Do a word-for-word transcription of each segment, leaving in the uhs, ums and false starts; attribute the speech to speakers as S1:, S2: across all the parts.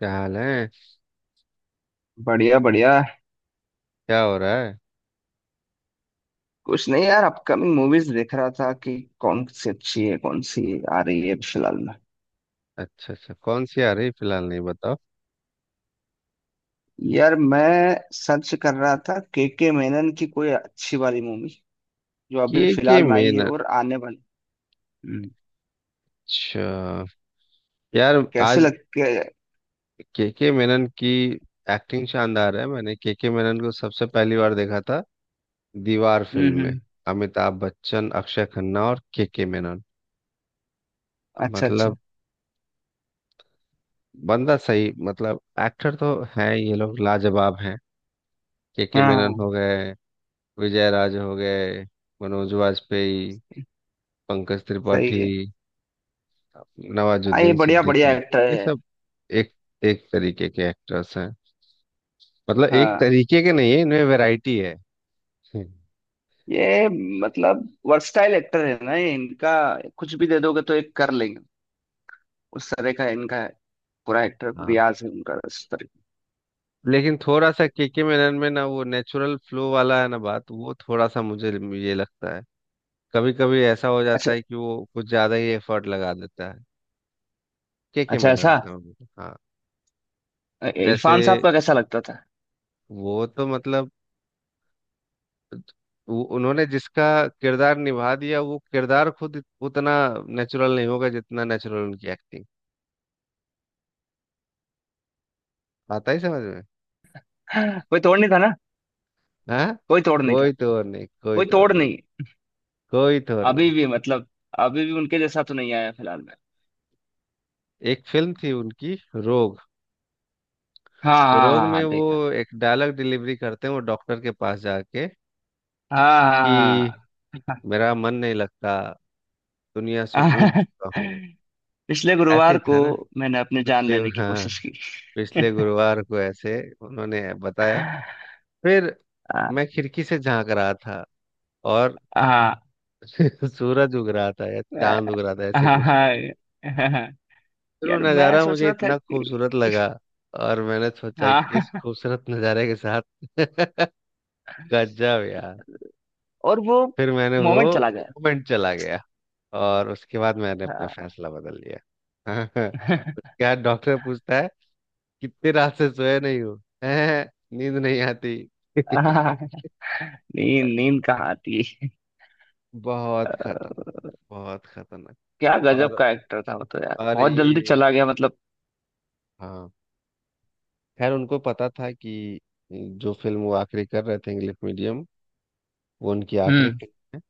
S1: क्या हाल है?
S2: बढ़िया बढ़िया।
S1: क्या हो रहा है?
S2: कुछ नहीं यार, अपकमिंग मूवीज देख रहा था कि कौन सी अच्छी है कौन सी आ रही है फिलहाल में।
S1: अच्छा, अच्छा। कौन सी आ रही फिलहाल, नहीं बताओ?
S2: यार, मैं सर्च कर रहा था के के मेनन की कोई अच्छी वाली मूवी जो अभी
S1: के के
S2: फिलहाल में आई है
S1: मेनन।
S2: और आने वाली। हम्म।
S1: अच्छा। यार,
S2: कैसे
S1: आज
S2: लगते है?
S1: के के मेनन की एक्टिंग शानदार है। मैंने के के मेनन को सबसे पहली बार देखा था दीवार
S2: हम्म
S1: फिल्म में।
S2: हम्म।
S1: अमिताभ बच्चन, अक्षय खन्ना और के के मेनन।
S2: अच्छा अच्छा।
S1: मतलब, बंदा सही। मतलब एक्टर तो है, ये लोग लाजवाब हैं। के के
S2: हाँ
S1: मेनन
S2: हाँ।
S1: हो गए, विजय राज हो गए, मनोज वाजपेयी, पंकज
S2: सही
S1: त्रिपाठी,
S2: है। हाँ, ये
S1: नवाजुद्दीन
S2: बढ़िया बढ़िया
S1: सिद्दीकी,
S2: एक्टर
S1: ये
S2: है।
S1: सब एक एक तरीके के एक्टर्स हैं। मतलब एक
S2: हाँ,
S1: तरीके के नहीं है, इनमें वैरायटी है। हम्म।
S2: ये मतलब वर्सटाइल एक्टर है ना, ये इनका। कुछ भी दे दोगे तो एक कर लेंगे। उस तरह का इनका है। पूरा एक्टर
S1: हाँ,
S2: रियाज है उनका उस तरह।
S1: लेकिन थोड़ा सा केके मेनन में ना वो नेचुरल फ्लो वाला है ना बात, वो थोड़ा सा मुझे ये लगता है। कभी कभी ऐसा हो जाता
S2: अच्छा,
S1: है कि वो कुछ ज्यादा ही एफर्ट लगा देता है केके
S2: अच्छा
S1: मेनन
S2: ऐसा।
S1: का भी। हाँ।
S2: अ,
S1: जैसे
S2: इरफान साहब का कैसा लगता था?
S1: वो तो मतलब वो- उन्होंने जिसका किरदार निभा दिया, वो किरदार खुद उतना नेचुरल नहीं होगा जितना नेचुरल उनकी एक्टिंग आता ही समझ में।
S2: कोई तोड़ नहीं था ना।
S1: हाँ।
S2: कोई तोड़ नहीं
S1: कोई
S2: था।
S1: तो और नहीं, कोई
S2: कोई
S1: तो और
S2: तोड़
S1: नहीं,
S2: नहीं।
S1: कोई तो और
S2: अभी
S1: नहीं।
S2: भी मतलब, अभी भी उनके जैसा तो नहीं आया फिलहाल में।
S1: एक फिल्म थी उनकी रोग।
S2: हाँ
S1: तो
S2: हाँ
S1: रोग
S2: हाँ
S1: में
S2: हाँ,
S1: वो
S2: देखा।
S1: एक डायलॉग डिलीवरी करते हैं, वो डॉक्टर के पास जाके
S2: हाँ
S1: कि,
S2: हाँ
S1: मेरा मन नहीं लगता, दुनिया से ऊब
S2: हाँ।
S1: चुका हूँ।
S2: पिछले
S1: ऐसे
S2: गुरुवार
S1: ही
S2: को
S1: था ना?
S2: मैंने अपनी जान
S1: पिछले,
S2: लेने की
S1: हाँ,
S2: कोशिश की।
S1: पिछले गुरुवार को ऐसे उन्होंने बताया। फिर
S2: हाँ
S1: मैं खिड़की से झांक रहा था और
S2: हाँ
S1: सूरज उग रहा था या चांद उग रहा था, ऐसे
S2: हाँ
S1: कुछ था।
S2: हाँ, हाँ।
S1: फिर वो
S2: यार मैं
S1: नज़ारा
S2: सोच
S1: मुझे
S2: रहा था
S1: इतना खूबसूरत
S2: कि
S1: लगा, और मैंने सोचा कि इस
S2: हाँ।
S1: खूबसूरत नज़ारे के साथ। गजब यार।
S2: और वो
S1: फिर मैंने वो
S2: मोमेंट चला गया।
S1: मोमेंट चला गया, और उसके बाद मैंने अपना फैसला बदल लिया।
S2: हाँ।
S1: क्या डॉक्टर पूछता है, कितनी रात से सोए नहीं हो हैं? नींद नहीं आती।
S2: आह, नींद नींद कहाँ आती है।
S1: बहुत खतरनाक, बहुत खतरनाक।
S2: क्या गजब
S1: और
S2: का एक्टर था वो तो यार,
S1: और
S2: बहुत जल्दी
S1: ये,
S2: चला गया, मतलब।
S1: हाँ, खैर उनको पता था कि जो फिल्म वो आखिरी कर रहे थे इंग्लिश मीडियम, वो उनकी आखिरी
S2: हम्म।
S1: फिल्म।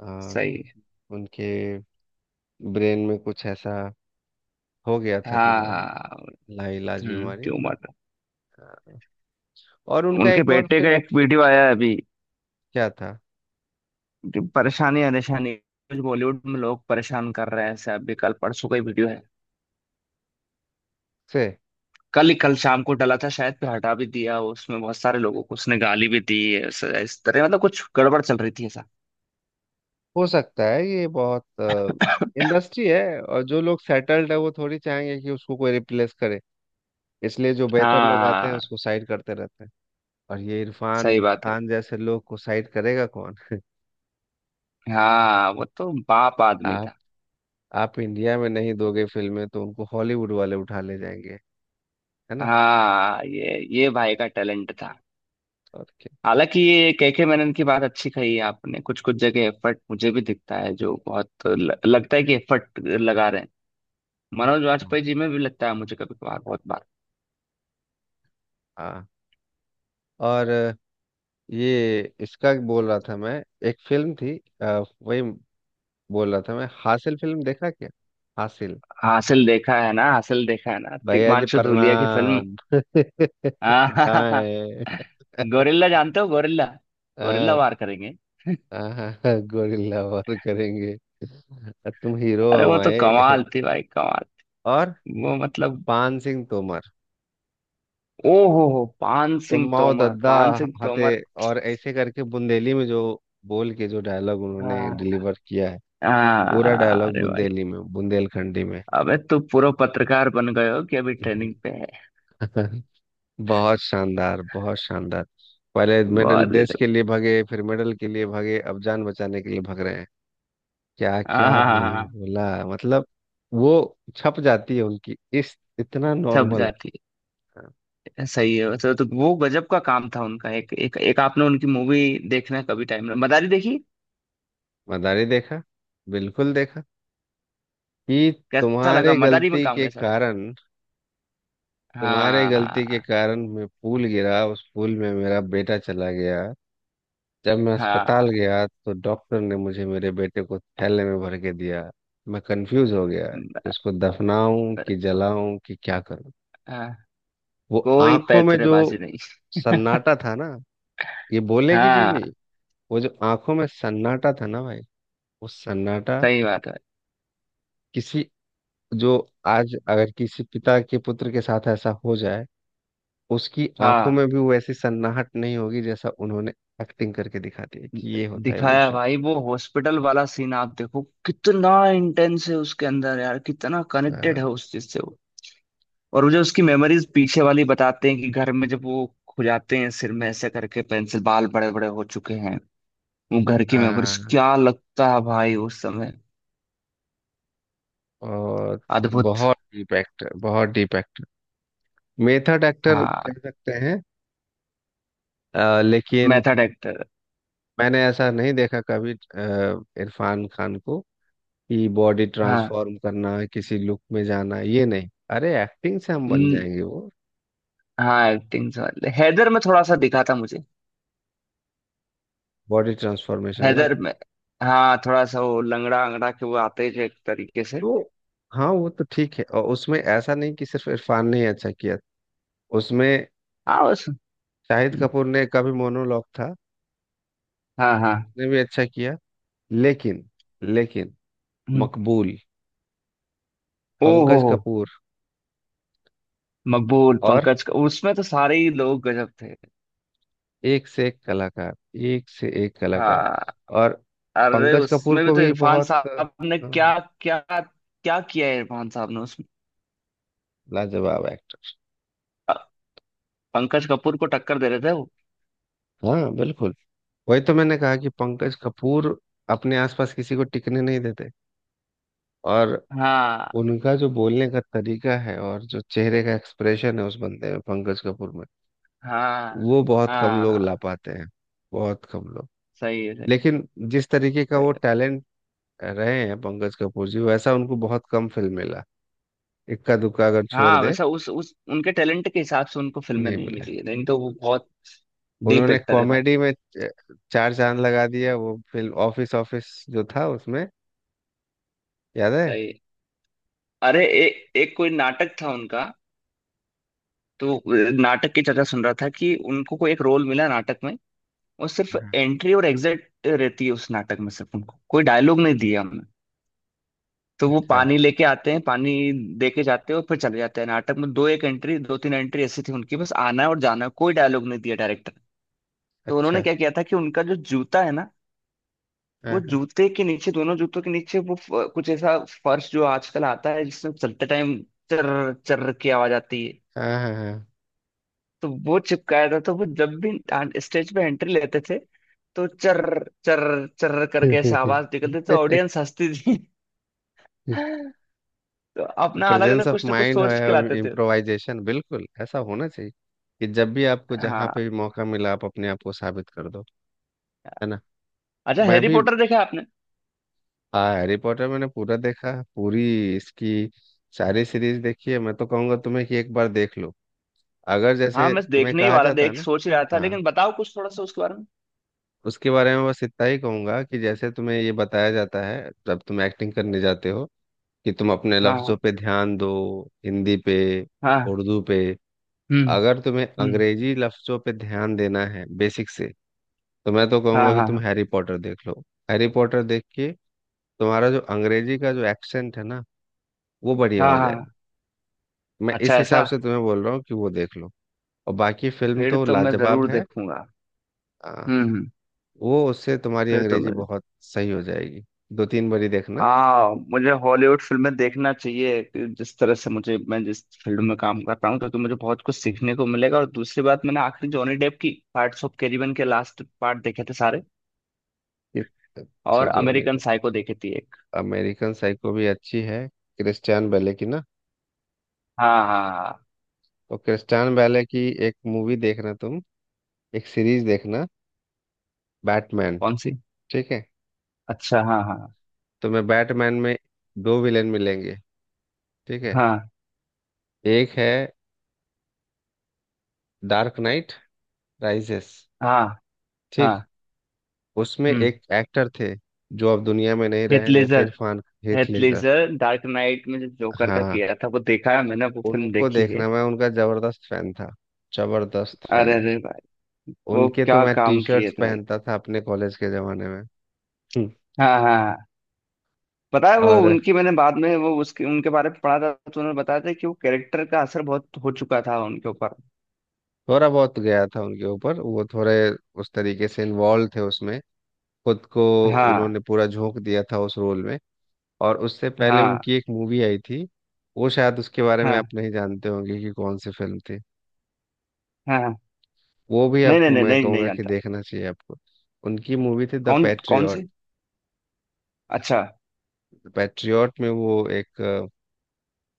S1: आ,
S2: सही
S1: उनके ब्रेन में कुछ ऐसा हो गया
S2: है।
S1: था,
S2: हाँ हाँ
S1: बीमारी,
S2: हाँ।
S1: लाइलाज
S2: हम्म,
S1: बीमारी।
S2: ट्यूमर।
S1: आ, और उनका
S2: उनके
S1: एक और
S2: बेटे का
S1: फिल्म
S2: एक वीडियो आया है अभी
S1: क्या था
S2: कि परेशानी परेशानी बॉलीवुड में लोग परेशान कर रहे हैं ऐसे। अभी कल परसों का ही वीडियो है।
S1: से।
S2: कल ही, कल शाम को डला था शायद, फिर हटा भी दिया। उसमें बहुत सारे लोगों को उसने गाली भी दी ऐसा- इस तरह, मतलब कुछ गड़बड़ चल रही थी ऐसा।
S1: हो सकता है, ये बहुत इंडस्ट्री है और जो लोग सेटल्ड है वो थोड़ी चाहेंगे कि उसको कोई रिप्लेस करे, इसलिए जो बेहतर लोग
S2: हाँ
S1: आते हैं
S2: हाँ,
S1: उसको साइड करते रहते हैं। और ये इरफान
S2: सही बात है।
S1: खान जैसे लोग को साइड करेगा कौन?
S2: हाँ, वो तो बाप आदमी
S1: आप
S2: था।
S1: आप इंडिया में नहीं दोगे फिल्में तो उनको हॉलीवुड वाले उठा ले जाएंगे। है ना?
S2: हाँ, ये ये भाई का टैलेंट था।
S1: और क्या।
S2: हालांकि ये केके मैनन की बात अच्छी कही है आपने, कुछ कुछ जगह एफर्ट मुझे भी दिखता है, जो बहुत ल, लगता है कि एफर्ट लगा रहे हैं। मनोज वाजपेयी जी में भी लगता है मुझे कभी कभार, बहुत बार।
S1: हाँ। और ये इसका बोल रहा था मैं, एक फिल्म थी अ, वही बोल रहा था मैं, हासिल फिल्म देखा क्या? हासिल।
S2: हासिल देखा है ना, हासिल देखा है ना,
S1: भैया जी
S2: तिग्मांशु धूलिया की फिल्म।
S1: प्रणाम।
S2: आहाहा।
S1: दाएं।
S2: गोरिल्ला जानते हो, गोरिल्ला। गोरिल्ला
S1: हाँ,
S2: वार करेंगे।
S1: हाँ, हाँ, गोरिल्ला वार करेंगे। तुम हीरो
S2: अरे वो तो
S1: हमारे।
S2: कमाल थी भाई, कमाल।
S1: और
S2: वो मतलब।
S1: पान सिंह तोमर,
S2: ओ हो हो पान
S1: तुम
S2: सिंह
S1: माओ
S2: तोमर,
S1: दद्दा
S2: पान सिंह
S1: हते,
S2: तोमर।
S1: और ऐसे करके बुंदेली में जो बोल के जो डायलॉग उन्होंने
S2: हाँ
S1: डिलीवर किया है। पूरा
S2: हाँ,
S1: डायलॉग
S2: अरे भाई।
S1: बुंदेली में, बुंदेलखंडी में।
S2: अबे, तू पूरा पत्रकार बन गए हो कि अभी ट्रेनिंग पे है?
S1: बहुत शानदार, बहुत शानदार। पहले मेडल
S2: बहुत
S1: देश
S2: गजब।
S1: के लिए भागे, फिर मेडल के लिए भागे, अब जान बचाने के लिए भाग रहे हैं। क्या
S2: हाँ
S1: क्या
S2: हाँ हाँ
S1: नहीं
S2: हाँ।
S1: बोला मतलब। वो छप जाती है उनकी, इस इतना
S2: सब
S1: नॉर्मल।
S2: जाती
S1: हाँ,
S2: है। सही है। वैसे तो वो गजब का काम था उनका। एक एक एक, आपने उनकी मूवी देखना कभी टाइम, ना मदारी देखी?
S1: मदारी देखा, बिल्कुल देखा कि,
S2: कैसा लगा
S1: तुम्हारे
S2: मदारी में,
S1: गलती
S2: काम
S1: के
S2: कैसा लगा?
S1: कारण, तुम्हारे गलती के
S2: हाँ
S1: कारण, मैं पुल गिरा, उस पुल में मेरा बेटा चला गया। जब मैं
S2: हाँ।
S1: अस्पताल गया तो डॉक्टर ने मुझे मेरे बेटे को थैले में भर के दिया। मैं कंफ्यूज हो गया कि
S2: ब-
S1: उसको दफनाऊं कि जलाऊं कि क्या करूं।
S2: हाँ।
S1: वो
S2: कोई
S1: आंखों में जो
S2: पैतरेबाजी नहीं।
S1: सन्नाटा था ना, ये बोलने की चीज नहीं।
S2: हाँ।
S1: वो जो आंखों में सन्नाटा था ना भाई, वो सन्नाटा।
S2: सही बात है।
S1: किसी जो, आज अगर किसी पिता के पुत्र के साथ ऐसा हो जाए, उसकी आंखों
S2: हाँ।
S1: में भी वैसी सन्नाहट नहीं होगी जैसा उन्होंने एक्टिंग करके दिखा दी है कि ये होता है
S2: दिखाया भाई, वो हॉस्पिटल वाला सीन आप देखो, कितना इंटेंस है उसके अंदर, यार कितना कनेक्टेड
S1: इमोशन।
S2: है उस चीज से। और मुझे उसकी मेमोरीज पीछे वाली बताते हैं कि घर में जब वो खुजाते हैं सिर में ऐसे करके, पेंसिल बाल बड़े बड़े हो चुके हैं। वो घर की मेमोरीज, क्या लगता है भाई उस समय।
S1: और
S2: अद्भुत।
S1: बहुत डीप एक्टर, बहुत डीप एक्टर, मेथड एक्टर
S2: हाँ।
S1: कह सकते हैं। अ, लेकिन
S2: मेथड एक्टर।
S1: मैंने ऐसा नहीं देखा कभी अ, इरफान खान को कि बॉडी
S2: हाँ।
S1: ट्रांसफॉर्म करना किसी लुक में जाना, ये नहीं। अरे एक्टिंग से हम बन
S2: हम्म।
S1: जाएंगे वो।
S2: हाँ, एक्टिंग वाले हैदर में थोड़ा सा दिखा था मुझे।
S1: बॉडी ट्रांसफॉर्मेशन ना,
S2: हैदर में हाँ, थोड़ा सा वो लंगड़ा अंगड़ा के वो आते हैं, जो एक तरीके से।
S1: तो। हाँ, वो तो ठीक है, और उसमें ऐसा नहीं कि सिर्फ इरफान ने ही अच्छा किया। उसमें
S2: हाँ बस।
S1: शाहिद
S2: हम्म।
S1: कपूर ने का भी मोनोलॉग था।
S2: हाँ हाँ।
S1: उसने भी अच्छा किया, लेकिन, लेकिन
S2: हम्म।
S1: मकबूल,
S2: ओ हो
S1: पंकज
S2: हो।
S1: कपूर।
S2: मकबूल,
S1: और
S2: पंकज का, उसमें तो सारे ही लोग गजब थे।
S1: एक से एक कलाकार, एक से एक कलाकार।
S2: हाँ।
S1: और
S2: अरे
S1: पंकज कपूर
S2: उसमें भी
S1: को
S2: तो
S1: भी
S2: इरफान
S1: बहुत, अ,
S2: साहब ने क्या
S1: हाँ,
S2: क्या क्या किया है, इरफान साहब ने उसमें।
S1: लाजवाब एक्टर।
S2: अ- पंकज कपूर को टक्कर दे रहे थे वो।
S1: हाँ, बिल्कुल। वही तो मैंने कहा कि पंकज कपूर अपने आसपास किसी को टिकने नहीं देते। और
S2: हाँ
S1: उनका जो बोलने का तरीका है और जो चेहरे का एक्सप्रेशन है उस बंदे में, पंकज कपूर में,
S2: हाँ
S1: वो बहुत कम
S2: हाँ
S1: लोग ला
S2: हाँ,
S1: पाते हैं। बहुत कम लोग।
S2: सही है, सही।
S1: लेकिन जिस तरीके का
S2: सही
S1: वो
S2: है।
S1: टैलेंट रहे हैं पंकज कपूर जी, वैसा उनको बहुत कम फिल्म मिला, इक्का दुक्का अगर छोड़
S2: हाँ
S1: दे।
S2: वैसा उस उस उनके टैलेंट के हिसाब से उनको फिल्में
S1: नहीं
S2: नहीं
S1: मिला।
S2: मिली है, नहीं तो वो बहुत डीप
S1: उन्होंने
S2: एक्टर है भाई।
S1: कॉमेडी में च- चार चांद लगा दिया, वो फिल्म ऑफिस ऑफिस जो था उसमें। याद है?
S2: सही है। अरे एक एक कोई नाटक था उनका। तो अ, नाटक की चर्चा सुन रहा था कि उनको कोई एक रोल मिला नाटक में। वो सिर्फ
S1: हाँ,
S2: एंट्री और एग्जिट रहती है उस नाटक में, सिर्फ उनको कोई डायलॉग नहीं दिया हमने। तो वो
S1: अच्छा,
S2: पानी लेके आते हैं, पानी दे के जाते हैं, और फिर चले जाते हैं। नाटक में दो एक एंट्री, दो तीन एंट्री ऐसी थी उनकी, बस आना है और जाना है, कोई डायलॉग नहीं दिया डायरेक्टर। तो उन्होंने
S1: अच्छा।
S2: क्या किया था कि उनका जो जूता है ना, वो
S1: हाँ, हाँ,
S2: जूते के नीचे, दोनों जूतों के नीचे वो फ- कुछ ऐसा फर्श जो आजकल आता है जिसमें चलते टाइम चर्र चर्र की आवाज आती है,
S1: हाँ, हाँ।
S2: तो वो चिपकाया था। तो वो जब भी स्टेज पे एंट्री लेते थे तो चर्र चर्र चर्र करके ऐसे आवाज निकलती थी, तो ऑडियंस हंसती थी। तो अपना अलग
S1: प्रेजेंस
S2: अलग
S1: ऑफ
S2: कुछ ना कुछ
S1: माइंड
S2: सोच के लाते
S1: है,
S2: थे।
S1: इम्प्रोवाइजेशन, बिल्कुल ऐसा होना चाहिए कि जब भी आपको जहाँ
S2: हाँ।
S1: पे भी मौका मिला, आप अपने आप को साबित कर दो। है ना?
S2: अच्छा,
S1: मैं
S2: हैरी
S1: भी
S2: पॉटर देखा आपने?
S1: आ, हैरी पॉटर मैंने पूरा देखा है, पूरी इसकी सारी सीरीज देखी है। मैं तो कहूंगा तुम्हें कि एक बार देख लो। अगर
S2: हाँ,
S1: जैसे
S2: मैं
S1: तुम्हें
S2: देखने ही
S1: कहा
S2: वाला,
S1: जाता है
S2: देख
S1: ना।
S2: सोच ही रहा था,
S1: हाँ,
S2: लेकिन बताओ कुछ थोड़ा सा उसके बारे में।
S1: उसके बारे में बस इतना ही कहूंगा कि जैसे तुम्हें ये बताया जाता है जब तुम एक्टिंग करने जाते हो कि तुम अपने
S2: हाँ
S1: लफ्जों
S2: हाँ
S1: पे ध्यान दो, हिंदी पे,
S2: हाँ।
S1: उर्दू पे।
S2: हम्म
S1: अगर तुम्हें
S2: हम्म।
S1: अंग्रेजी लफ्जों पे ध्यान देना है बेसिक से, तो मैं तो
S2: हाँ
S1: कहूंगा कि
S2: हाँ।
S1: तुम
S2: हाँ
S1: हैरी पॉटर देख लो। हैरी पॉटर देख के तुम्हारा जो अंग्रेजी का जो एक्सेंट है ना, वो बढ़िया
S2: हाँ
S1: हो जाएगा।
S2: हाँ।
S1: मैं इस
S2: अच्छा
S1: हिसाब
S2: ऐसा।
S1: से तुम्हें बोल रहा हूँ कि वो देख लो, और बाकी फिल्म
S2: फिर
S1: तो
S2: तो मैं
S1: लाजवाब
S2: जरूर
S1: है।
S2: देखूंगा।
S1: हाँ,
S2: हम्म हम्म।
S1: वो उससे तुम्हारी
S2: फिर तो
S1: अंग्रेजी
S2: मैं।
S1: बहुत सही हो जाएगी। दो तीन बारी देखना।
S2: हाँ, मुझे हॉलीवुड फिल्में देखना चाहिए कि जिस तरह से मुझे, मैं जिस फील्ड में काम कर रहा हूँ, क्योंकि मुझे बहुत कुछ सीखने को मिलेगा। और दूसरी बात, मैंने आखिरी जॉनी डेप की पार्ट्स ऑफ कैरिबियन के लास्ट पार्ट देखे थे सारे।
S1: ये- अच्छा
S2: और
S1: जो नहीं
S2: अमेरिकन
S1: तो।
S2: साइको देखी थी एक।
S1: अमेरिकन साइको भी अच्छी है। क्रिस्टियन बेले की ना?
S2: हाँ हाँ हाँ।
S1: तो क्रिस्टियन बेले की एक मूवी देखना तुम, एक सीरीज देखना, बैटमैन।
S2: कौन सी?
S1: ठीक है?
S2: अच्छा, हाँ हाँ।
S1: तुम्हें बैटमैन में दो विलेन मिलेंगे। ठीक है?
S2: हाँ
S1: एक है डार्क नाइट राइजेस।
S2: हाँ
S1: ठीक।
S2: हाँ।
S1: उसमें
S2: हम्म।
S1: एक एक्टर थे जो अब दुनिया में नहीं
S2: हेथ
S1: रहे जैसे
S2: Ledger.
S1: Irfan, Heath
S2: Heath
S1: Ledger.
S2: Ledger Dark Knight में जो जोकर का
S1: हाँ,
S2: किया था वो देखा है मैंने, वो फिल्म
S1: उनको
S2: देखी है।
S1: देखना। मैं उनका जबरदस्त फैन था, जबरदस्त
S2: अरे
S1: फैन।
S2: अरे भाई। वो
S1: उनके तो
S2: क्या
S1: मैं टी
S2: काम किए
S1: शर्ट्स
S2: थे भाई।
S1: पहनता था अपने कॉलेज के जमाने में। हम्म।
S2: हाँ हाँ हाँ। पता है, वो
S1: और
S2: उनकी मैंने बाद में, वो उसके उनके बारे में पढ़ा था, तो उन्होंने बताया था कि वो कैरेक्टर का असर बहुत हो चुका था उनके ऊपर।
S1: थोड़ा बहुत गया था उनके ऊपर, वो थोड़े उस तरीके से इन्वॉल्व थे उसमें, खुद को। उन्होंने
S2: हाँ
S1: पूरा झोंक दिया था उस रोल में। और उससे पहले
S2: हाँ
S1: उनकी एक मूवी आई थी, वो शायद उसके बारे में
S2: हाँ
S1: आप नहीं जानते होंगे कि कौन सी फिल्म थी।
S2: हाँ हाँ।
S1: वो भी
S2: नहीं नहीं
S1: आपको
S2: नहीं
S1: मैं
S2: नहीं, नहीं
S1: कहूँगा कि
S2: जानता।
S1: देखना चाहिए आपको। उनकी मूवी थी द
S2: कौन कौन
S1: पैट्रियट।
S2: से? अच्छा।
S1: पैट्रियट में वो एक, अ,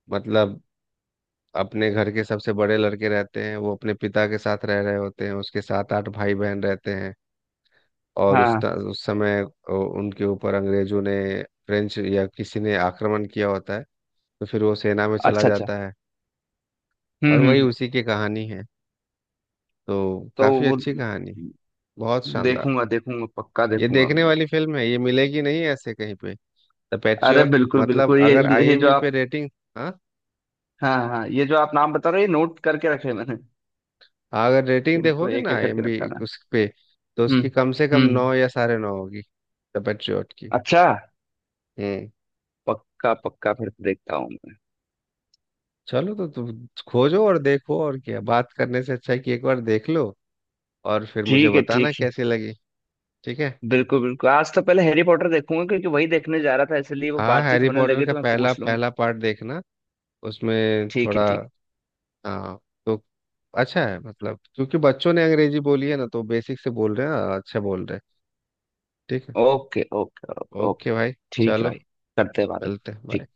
S1: मतलब, अपने घर के सबसे बड़े लड़के रहते हैं। वो अपने पिता के साथ रह रहे होते हैं, उसके सात आठ भाई बहन रहते हैं।
S2: हाँ
S1: और उस
S2: हाँ।
S1: ता- उस समय अ, उनके ऊपर अंग्रेजों ने, फ्रेंच या किसी ने आक्रमण किया होता है, तो फिर वो सेना में चला
S2: अच्छा अच्छा।
S1: जाता है।
S2: हम्म
S1: और
S2: हम्म
S1: वही
S2: हम्म।
S1: उसी की कहानी है। तो
S2: तो
S1: काफी
S2: वो
S1: अच्छी कहानी है, बहुत शानदार।
S2: देखूंगा, देखूंगा, पक्का
S1: ये
S2: देखूंगा।
S1: देखने वाली फिल्म है, ये मिलेगी नहीं ऐसे कहीं पे। द
S2: अरे
S1: पैट्रियट
S2: बिल्कुल
S1: मतलब,
S2: बिल्कुल, ये
S1: अगर
S2: जो ये जो
S1: आई एम बी पे
S2: आप।
S1: रेटिंग। हाँ,
S2: हाँ हाँ, ये जो आप नाम बता रहे हो ये नोट करके रखे हैं मैंने,
S1: हाँ, अगर
S2: कि
S1: रेटिंग
S2: इनको
S1: देखोगे
S2: एक
S1: ना
S2: एक करके
S1: आई एम बी
S2: निपटाना है।
S1: उस पे, तो उसकी
S2: हम्म।
S1: कम से कम
S2: हम्म।
S1: नौ या साढ़े नौ होगी, द पैट्रियट की।
S2: अच्छा।
S1: हम्म।
S2: पक्का पक्का, फिर तो देखता हूँ मैं।
S1: चलो तो तुम खोजो और देखो। और क्या। बात करने से अच्छा है कि एक बार देख लो, और फिर मुझे
S2: ठीक है,
S1: बताना
S2: ठीक है।
S1: कैसी लगी। ठीक है।
S2: बिल्कुल बिल्कुल, आज तो पहले हैरी पॉटर देखूंगा, क्योंकि वही देखने जा रहा था इसलिए वो
S1: हाँ,
S2: बातचीत
S1: हैरी
S2: होने
S1: पॉटर
S2: लगी
S1: का
S2: तो मैं
S1: पहला,
S2: पूछ लूँ।
S1: पहला पार्ट देखना, उसमें
S2: ठीक
S1: थोड़ा,
S2: है, ठीक
S1: हाँ, तो अच्छा है मतलब, क्योंकि बच्चों ने अंग्रेजी बोली है ना, तो बेसिक से बोल रहे हैं, अच्छा बोल रहे हैं। ठीक है।
S2: है। Okay okay. ओके।
S1: ओके भाई,
S2: ठीक है
S1: चलो,
S2: भाई। करते हैं बाद में।
S1: मिलते हैं, बाय।
S2: ठीक।